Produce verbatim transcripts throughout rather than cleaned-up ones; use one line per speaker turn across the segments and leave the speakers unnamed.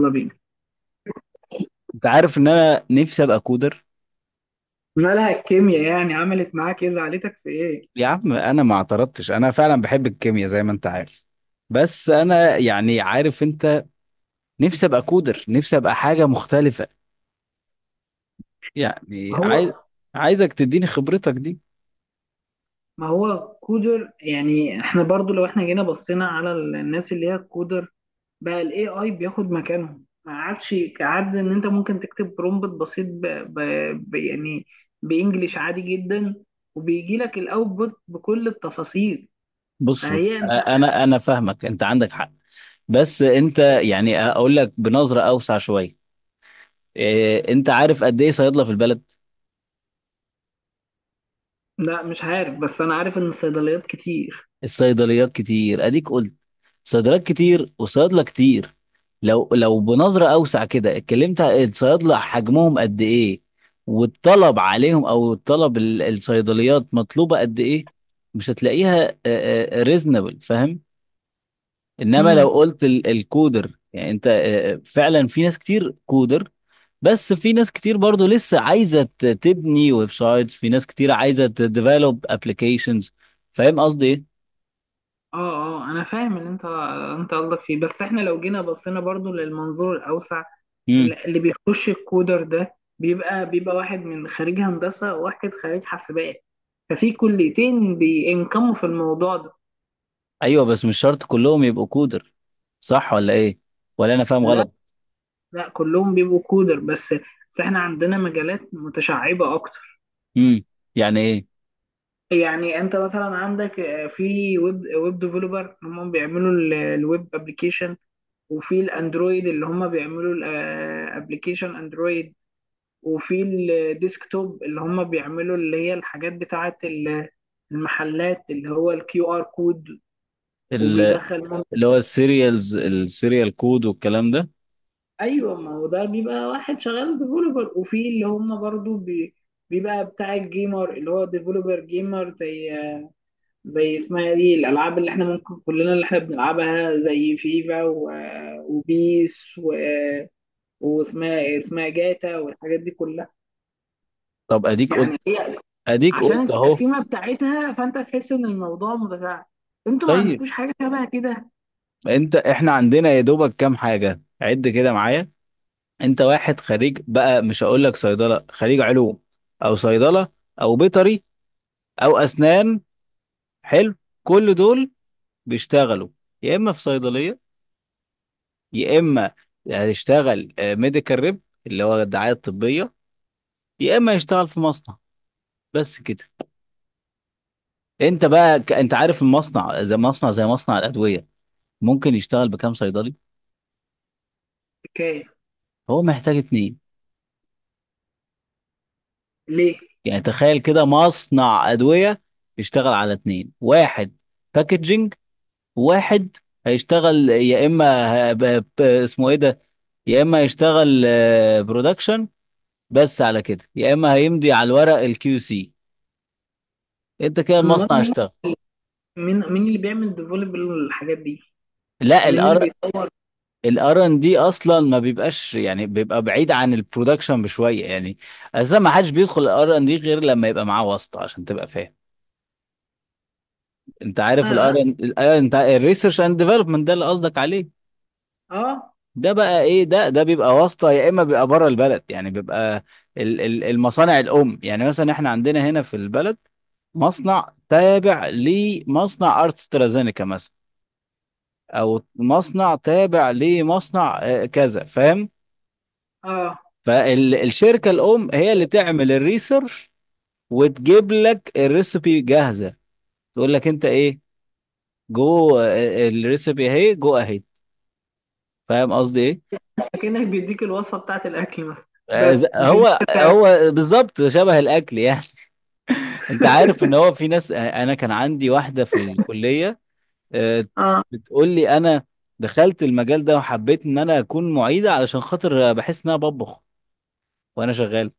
يلا بينا.
انت عارف ان انا نفسي ابقى كودر.
مالها الكيمياء يعني عملت معاك ايه، زعلتك في ايه؟
يا عم انا ما اعترضتش، انا فعلا بحب الكيمياء زي ما انت عارف، بس انا يعني عارف انت. نفسي ابقى كودر، نفسي ابقى حاجة مختلفة يعني
ما
عايز،
هو،
عايزك تديني خبرتك دي.
ما هو كودر يعني احنا برضو لو احنا جينا بصينا على ال- الناس اللي هي كودر بقى الاي اي بياخد مكانهم، ما عادش عاد ان انت ممكن تكتب برومبت بسيط ب... ب... ب... يعني بانجليش عادي جدا، وبيجي لك الاوتبوت بكل التفاصيل.
بص بص
فهي انت.
أ- انا انا فاهمك، انت عندك حق، بس انت يعني اقول لك بنظرة اوسع شوية. إيه، انت عارف قد ايه صيدلة في البلد؟
لا مش عارف، بس انا عارف ان الصيدليات كتير.
الصيدليات كتير، اديك قلت، صيدلات كتير وصيادله كتير. لو لو بنظره اوسع كده اتكلمت، الصيادله حجمهم قد ايه والطلب عليهم، او الطلب ال- الصيدليات مطلوبه قد ايه؟ مش هتلاقيها ريزنبل، فاهم؟ انما لو قلت ال- الكودر، يعني انت آه، فعلا في ناس كتير كودر، بس في ناس كتير برضو لسه عايزه ت- تبني ويب سايتس، في ناس كتير عايزه تديفلوب ابلكيشنز. فاهم قصدي
اه اه انا فاهم اللي انت، انت قصدك فيه، بس احنا لو جينا بصينا برضو للمنظور الاوسع،
ايه؟
اللي اللي بيخش الكودر ده بيبقى بيبقى واحد من خريج هندسه وواحد خريج حاسبات، ففي كليتين بينكموا في الموضوع ده.
ايوه، بس مش شرط كلهم يبقوا كودر، صح ولا ايه؟ ولا انا فاهم
لا،
غلط؟
لا، كلهم بيبقوا كودر، بس بس احنا عندنا مجالات متشعبه اكتر.
امم يعني ايه؟
يعني انت مثلا عندك آه، في ويب ويب ديفلوبر هم بيعملوا ال- الويب ابلكيشن، وفي الاندرويد اللي هم بيعملوا الابلكيشن اندرويد، وفي الديسكتوب اللي هم بيعملوا اللي هي الحاجات بتاعة ال- المحلات اللي هو الكيو ار كود.
ال-
وبيدخل مم...
اللي هو السيريالز، السيريال كود والكلام ده.
ايوه، ما هو ده بيبقى واحد شغال ديفلوبر، وفي اللي هم برضو بي... بيبقى بتاع الجيمر اللي هو ديفلوبر جيمر، زي زي اسمها دي الالعاب اللي احنا ممكن كلنا اللي احنا بنلعبها، زي فيفا و... وبيس و... واسمها، اسمها جاتا والحاجات دي كلها.
طب اديك قلت،
يعني هي
اديك
عشان
قلت اهو.
التقسيمه بتاعتها فانت تحس ان الموضوع متفاعل. انتوا ما
طيب
عندكوش حاجه شبه كده؟
انت، احنا عندنا يا دوبك كام حاجه، عد كده معايا. انت واحد خريج بقى، مش هقول لك صيدله، خريج علوم او صيدله او بيطري او اسنان، حلو. كل دول بيشتغلوا يا اما في صيدليه، يا اما هيشتغل ميديكال ريب اللي هو الدعايه الطبيه، يا اما يشتغل في مصنع، بس كده. انت بقى ك... انت عارف المصنع، زي مصنع، زي مصنع الادويه، ممكن يشتغل بكام صيدلي؟
حكايه.
هو محتاج اتنين.
ليه؟
يعني تخيل كده، مصنع ادويه يشتغل على اتنين، واحد باكجينج، واحد هيشتغل يا اما ه- ب... ب... اسمه ايه ده، يا اما يشتغل برودكشن، بس. على كده يا اما هيمضي على الورق، الكيو سي. انت كده
امال
المصنع
مين؟
اشتغل.
مين، مين اللي بيعمل ديفلوب الحاجات دي؟
لا،
مين اللي
الار،
بيطور؟
الار ان دي اصلا ما بيبقاش، يعني بيبقى بعيد عن البرودكشن بشويه يعني. اساسا ما حدش بيدخل الار ان دي غير لما يبقى معاه واسطه، عشان تبقى فاهم. انت عارف الار
اه،
ان، انت الريسيرش اند ديفلوبمنت ده اللي قصدك عليه.
اه.
ده بقى ايه ده، ده بيبقى واسطه، يا اما بيبقى بره البلد. يعني بيبقى ال- ال- المصانع الام، يعني مثلا احنا عندنا هنا في البلد مصنع تابع لمصنع ارت سترازينيكا مثلا، او مصنع تابع لمصنع آه، كذا، فاهم.
اه
فالشركة الأم هي اللي تعمل الريسيرش وتجيب لك الريسبي جاهزة، تقول لك أنت إيه، جو، آه، الريسبي أهي، جو أهي. فاهم قصدي إيه؟
كأنك بيديك الوصفه بتاعت الاكل مثلا.
آه،
بس
ز-
مش انت
هو
بتاع-.
هو بالظبط شبه الأكل يعني. أنت عارف إن هو في ناس، آه، أنا كان عندي واحدة في الكلية، آه،
اه.
بتقول لي أنا دخلت المجال ده وحبيت إن أنا أكون معيدة، علشان خاطر بحس إن أنا بطبخ وأنا شغال.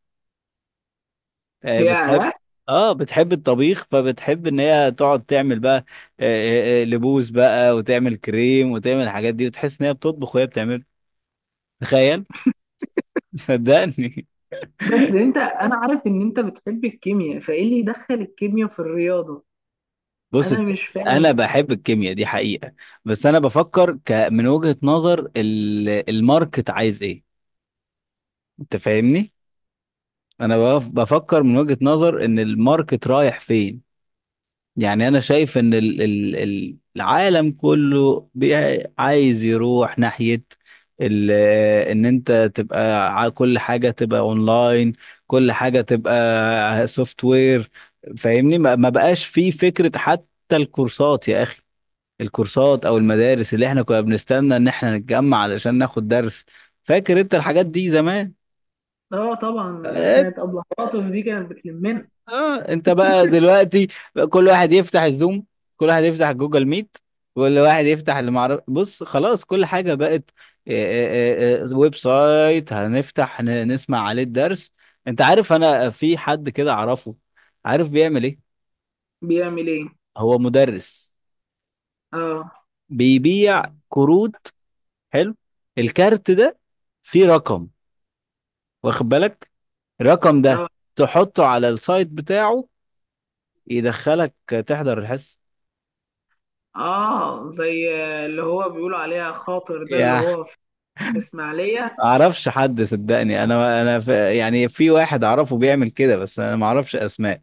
آه، بتحب،
يا
اه بتحب الطبيخ، فبتحب ان هي تقعد تعمل بقى آه، آه، آه، لبوس بقى، وتعمل كريم، وتعمل الحاجات دي، وتحس ان هي بتطبخ وهي بتعمل. تخيل. صدقني.
بس انت، انا عارف ان انت بتحب الكيمياء، فايه اللي يدخل الكيمياء في الرياضه؟
بص
انا
انت-
مش
انا
فاهم.
بحب الكيمياء دي حقيقة، بس انا بفكر ك من وجهة نظر ال- الماركت عايز ايه. انت فاهمني، انا بف- بفكر من وجهة نظر ان الماركت رايح فين. يعني انا شايف ان ال- ال- ال- العالم كله بي- عايز يروح ناحية ال- ان انت تبقى ع- كل حاجة تبقى اونلاين، كل حاجة تبقى سوفت وير. فاهمني، ما ما بقاش في فكرة حتى الكورسات يا اخي، الكورسات او المدارس اللي احنا كنا بنستنى ان احنا نتجمع علشان ناخد درس، فاكر انت الحاجات دي زمان؟
اه طبعا، انا كانت ابله خاطف دي كانت بتلمنا.
اه انت بقى دلوقتي، بقى كل واحد يفتح الزوم، كل واحد يفتح جوجل ميت، كل واحد يفتح اللي معرف، بص خلاص، كل حاجة بقت آه، آه، آه، ويب سايت هنفتح ن- نسمع عليه الدرس. انت عارف انا في حد كده اعرفه، عارف بيعمل ايه؟
بيعمل ايه؟
هو مدرس،
اه.
بيبيع كروت، حلو. الكارت ده فيه رقم، واخد بالك؟ الرقم
اه.
ده تحطه على السايت بتاعه، يدخلك، تحضر الحصة.
آه، زي اللي هو بيقولوا عليها خاطر ده، اللي
يا
هو في اسماعيلية.
اعرفش حد صدقني، انا انا ف... يعني في واحد اعرفه بيعمل كده، بس انا ما اعرفش اسماء.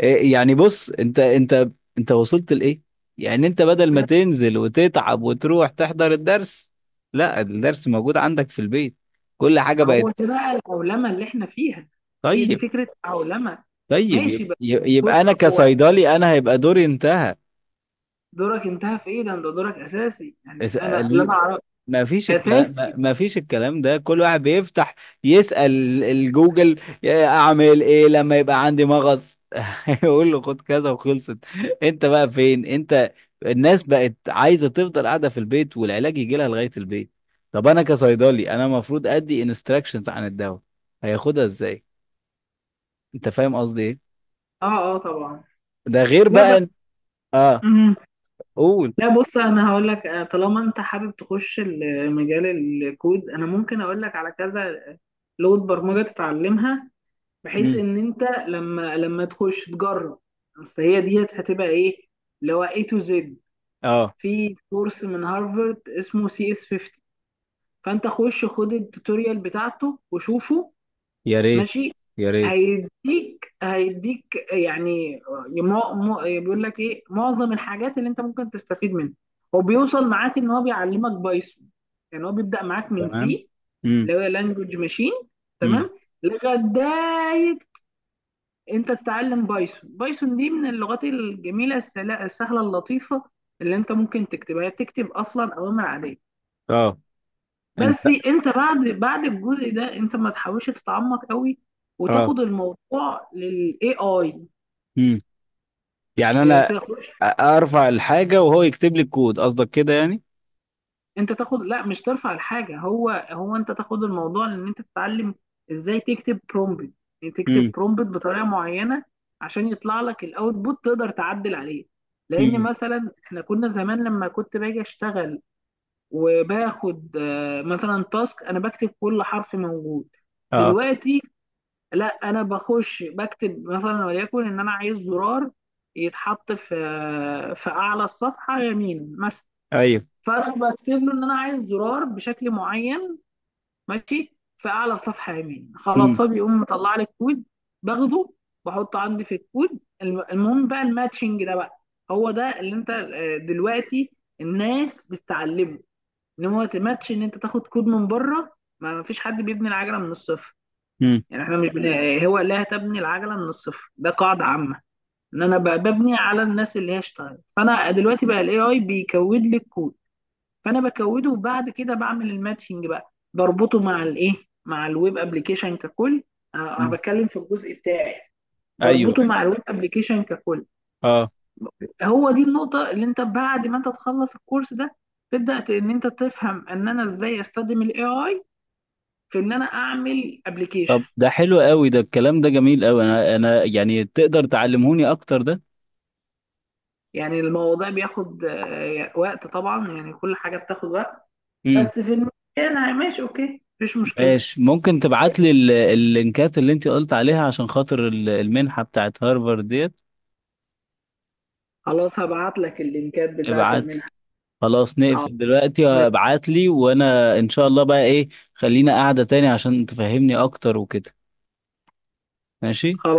إيه يعني، بص انت، انت انت وصلت لايه؟ يعني انت بدل ما تنزل وتتعب وتروح تحضر الدرس، لا، الدرس موجود عندك في البيت، كل حاجة
ما هو
بقت.
ده بقى العولمة اللي احنا فيها، هي دي
طيب.
فكرة العولمة.
طيب،
ماشي
يبقى،
بقى.
يبقى
بص
انا
هو،
كصيدلي انا هيبقى دوري انتهى.
دورك انتهى في ايه ده؟ انت دورك اساسي، يعني انا اللي انا اعرفه
ما فيش الكلام، ما
اساسي.
ما فيش الكلام ده، كل واحد بيفتح يسأل الجوجل، يا اعمل ايه لما يبقى عندي مغص، يقول له خد كذا وخلصت. انت بقى فين انت؟ الناس بقت عايزة تفضل قاعدة في البيت، والعلاج يجي لها لغاية البيت. طب انا كصيدلي انا المفروض ادي انستراكشنز عن الدواء، هياخدها ازاي؟ انت فاهم قصدي ايه؟
اه، اه طبعا.
ده غير
لا بقى.
بقى إن- اه،
مم.
قول.
لا بص، انا هقول لك آه، طالما انت حابب تخش ال- مجال الكود، انا ممكن اقول لك على كذا لغة برمجة تتعلمها، بحيث
امم
ان انت لما لما تخش تجرب، فهي ديت هتبقى ايه، اللي هو A to Z.
اه،
في كورس من هارفارد اسمه سي اس خمسين، فانت خش خد التوتوريال بتاعته وشوفه.
يا ريت،
ماشي،
يا ريت.
هيديك هيديك يعني، مو مو بيقول لك ايه معظم الحاجات اللي انت ممكن تستفيد منها. هو بيوصل معاك ان هو بيعلمك بايثون. يعني هو بيبدأ معاك من
تمام،
سي
امم
اللي هو لانجوج ماشين،
امم
تمام، لغايه انت تتعلم بايثون. بايثون دي من اللغات الجميله، السلا- السهله اللطيفه، اللي انت ممكن تكتبها، هي بتكتب اصلا اوامر عاديه.
اه، انت،
بس انت بعد بعد الجزء ده انت ما تحاولش تتعمق قوي،
اه.
وتاخد الموضوع للاي اي.
امم يعني
انت
انا
تاخدش،
ارفع الحاجه وهو يكتب لي الكود، قصدك كده يعني؟
انت تاخد، لا مش ترفع الحاجه، هو هو انت تاخد الموضوع لان انت تتعلم ازاي تكتب برومبت. يعني تكتب
امم
برومبت بطريقه معينه عشان يطلع لك الاوتبوت تقدر تعدل عليه. لان
امم
مثلا احنا كنا زمان لما كنت باجي اشتغل وباخد آه، مثلا تاسك، انا بكتب كل حرف موجود.
اه.
دلوقتي لا، انا بخش بكتب مثلا وليكن ان انا عايز زرار يتحط في آه، في اعلى الصفحه يمين مثلا،
ايوه،
فانا بكتب له ان انا عايز زرار بشكل معين، ماشي، في اعلى الصفحه يمين، خلاص
امم
هو بيقوم مطلع لي الكود، باخده بحطه عندي في الكود. الم- المهم بقى الماتشنج ده بقى، هو ده اللي انت آه، دلوقتي الناس بتتعلمه. ان هو ماتش ان انت تاخد كود من بره، ما فيش حد بيبني العجله من الصفر. يعني احنا مش بن... هو لا تبني العجله من الصفر ده قاعده عامه، ان انا ب- ببني على الناس اللي هي اشتغلت. فانا دلوقتي بقى الاي اي بيكود لي الكود، فانا بكوده وبعد كده بعمل الماتشنج بقى، بربطه مع الايه، مع الويب ابلكيشن ككل. أه أنا
امم
بتكلم في الجزء بتاعي،
ايوه،
بربطه
أيوة.
مع الويب ابلكيشن ككل.
اه.
هو دي النقطه اللي انت بعد ما انت تخلص الكورس ده تبدا ت- ان انت تفهم ان انا ازاي استخدم الاي اي في ان انا اعمل ابلكيشن.
طب ده حلو قوي، ده الكلام ده جميل قوي، انا انا يعني تقدر تعلمهوني اكتر ده.
يعني الموضوع بياخد آه، وقت طبعا، يعني كل حاجه بتاخد وقت،
امم
بس في المكان ماشي اوكي مفيش مشكله.
ماشي. ممكن تبعت لي ال- اللينكات اللي انت قلت عليها، عشان خاطر ال- المنحه بتاعت هارفارد ديت؟
خلاص هبعت لك اللينكات بتاعت
ابعت لي،
المنحه.
خلاص
حاضر،
نقفل دلوقتي، ابعت لي وانا ان شاء الله بقى ايه، خلينا قاعده تاني عشان تفهمني اكتر وكده. ماشي.
خلاص.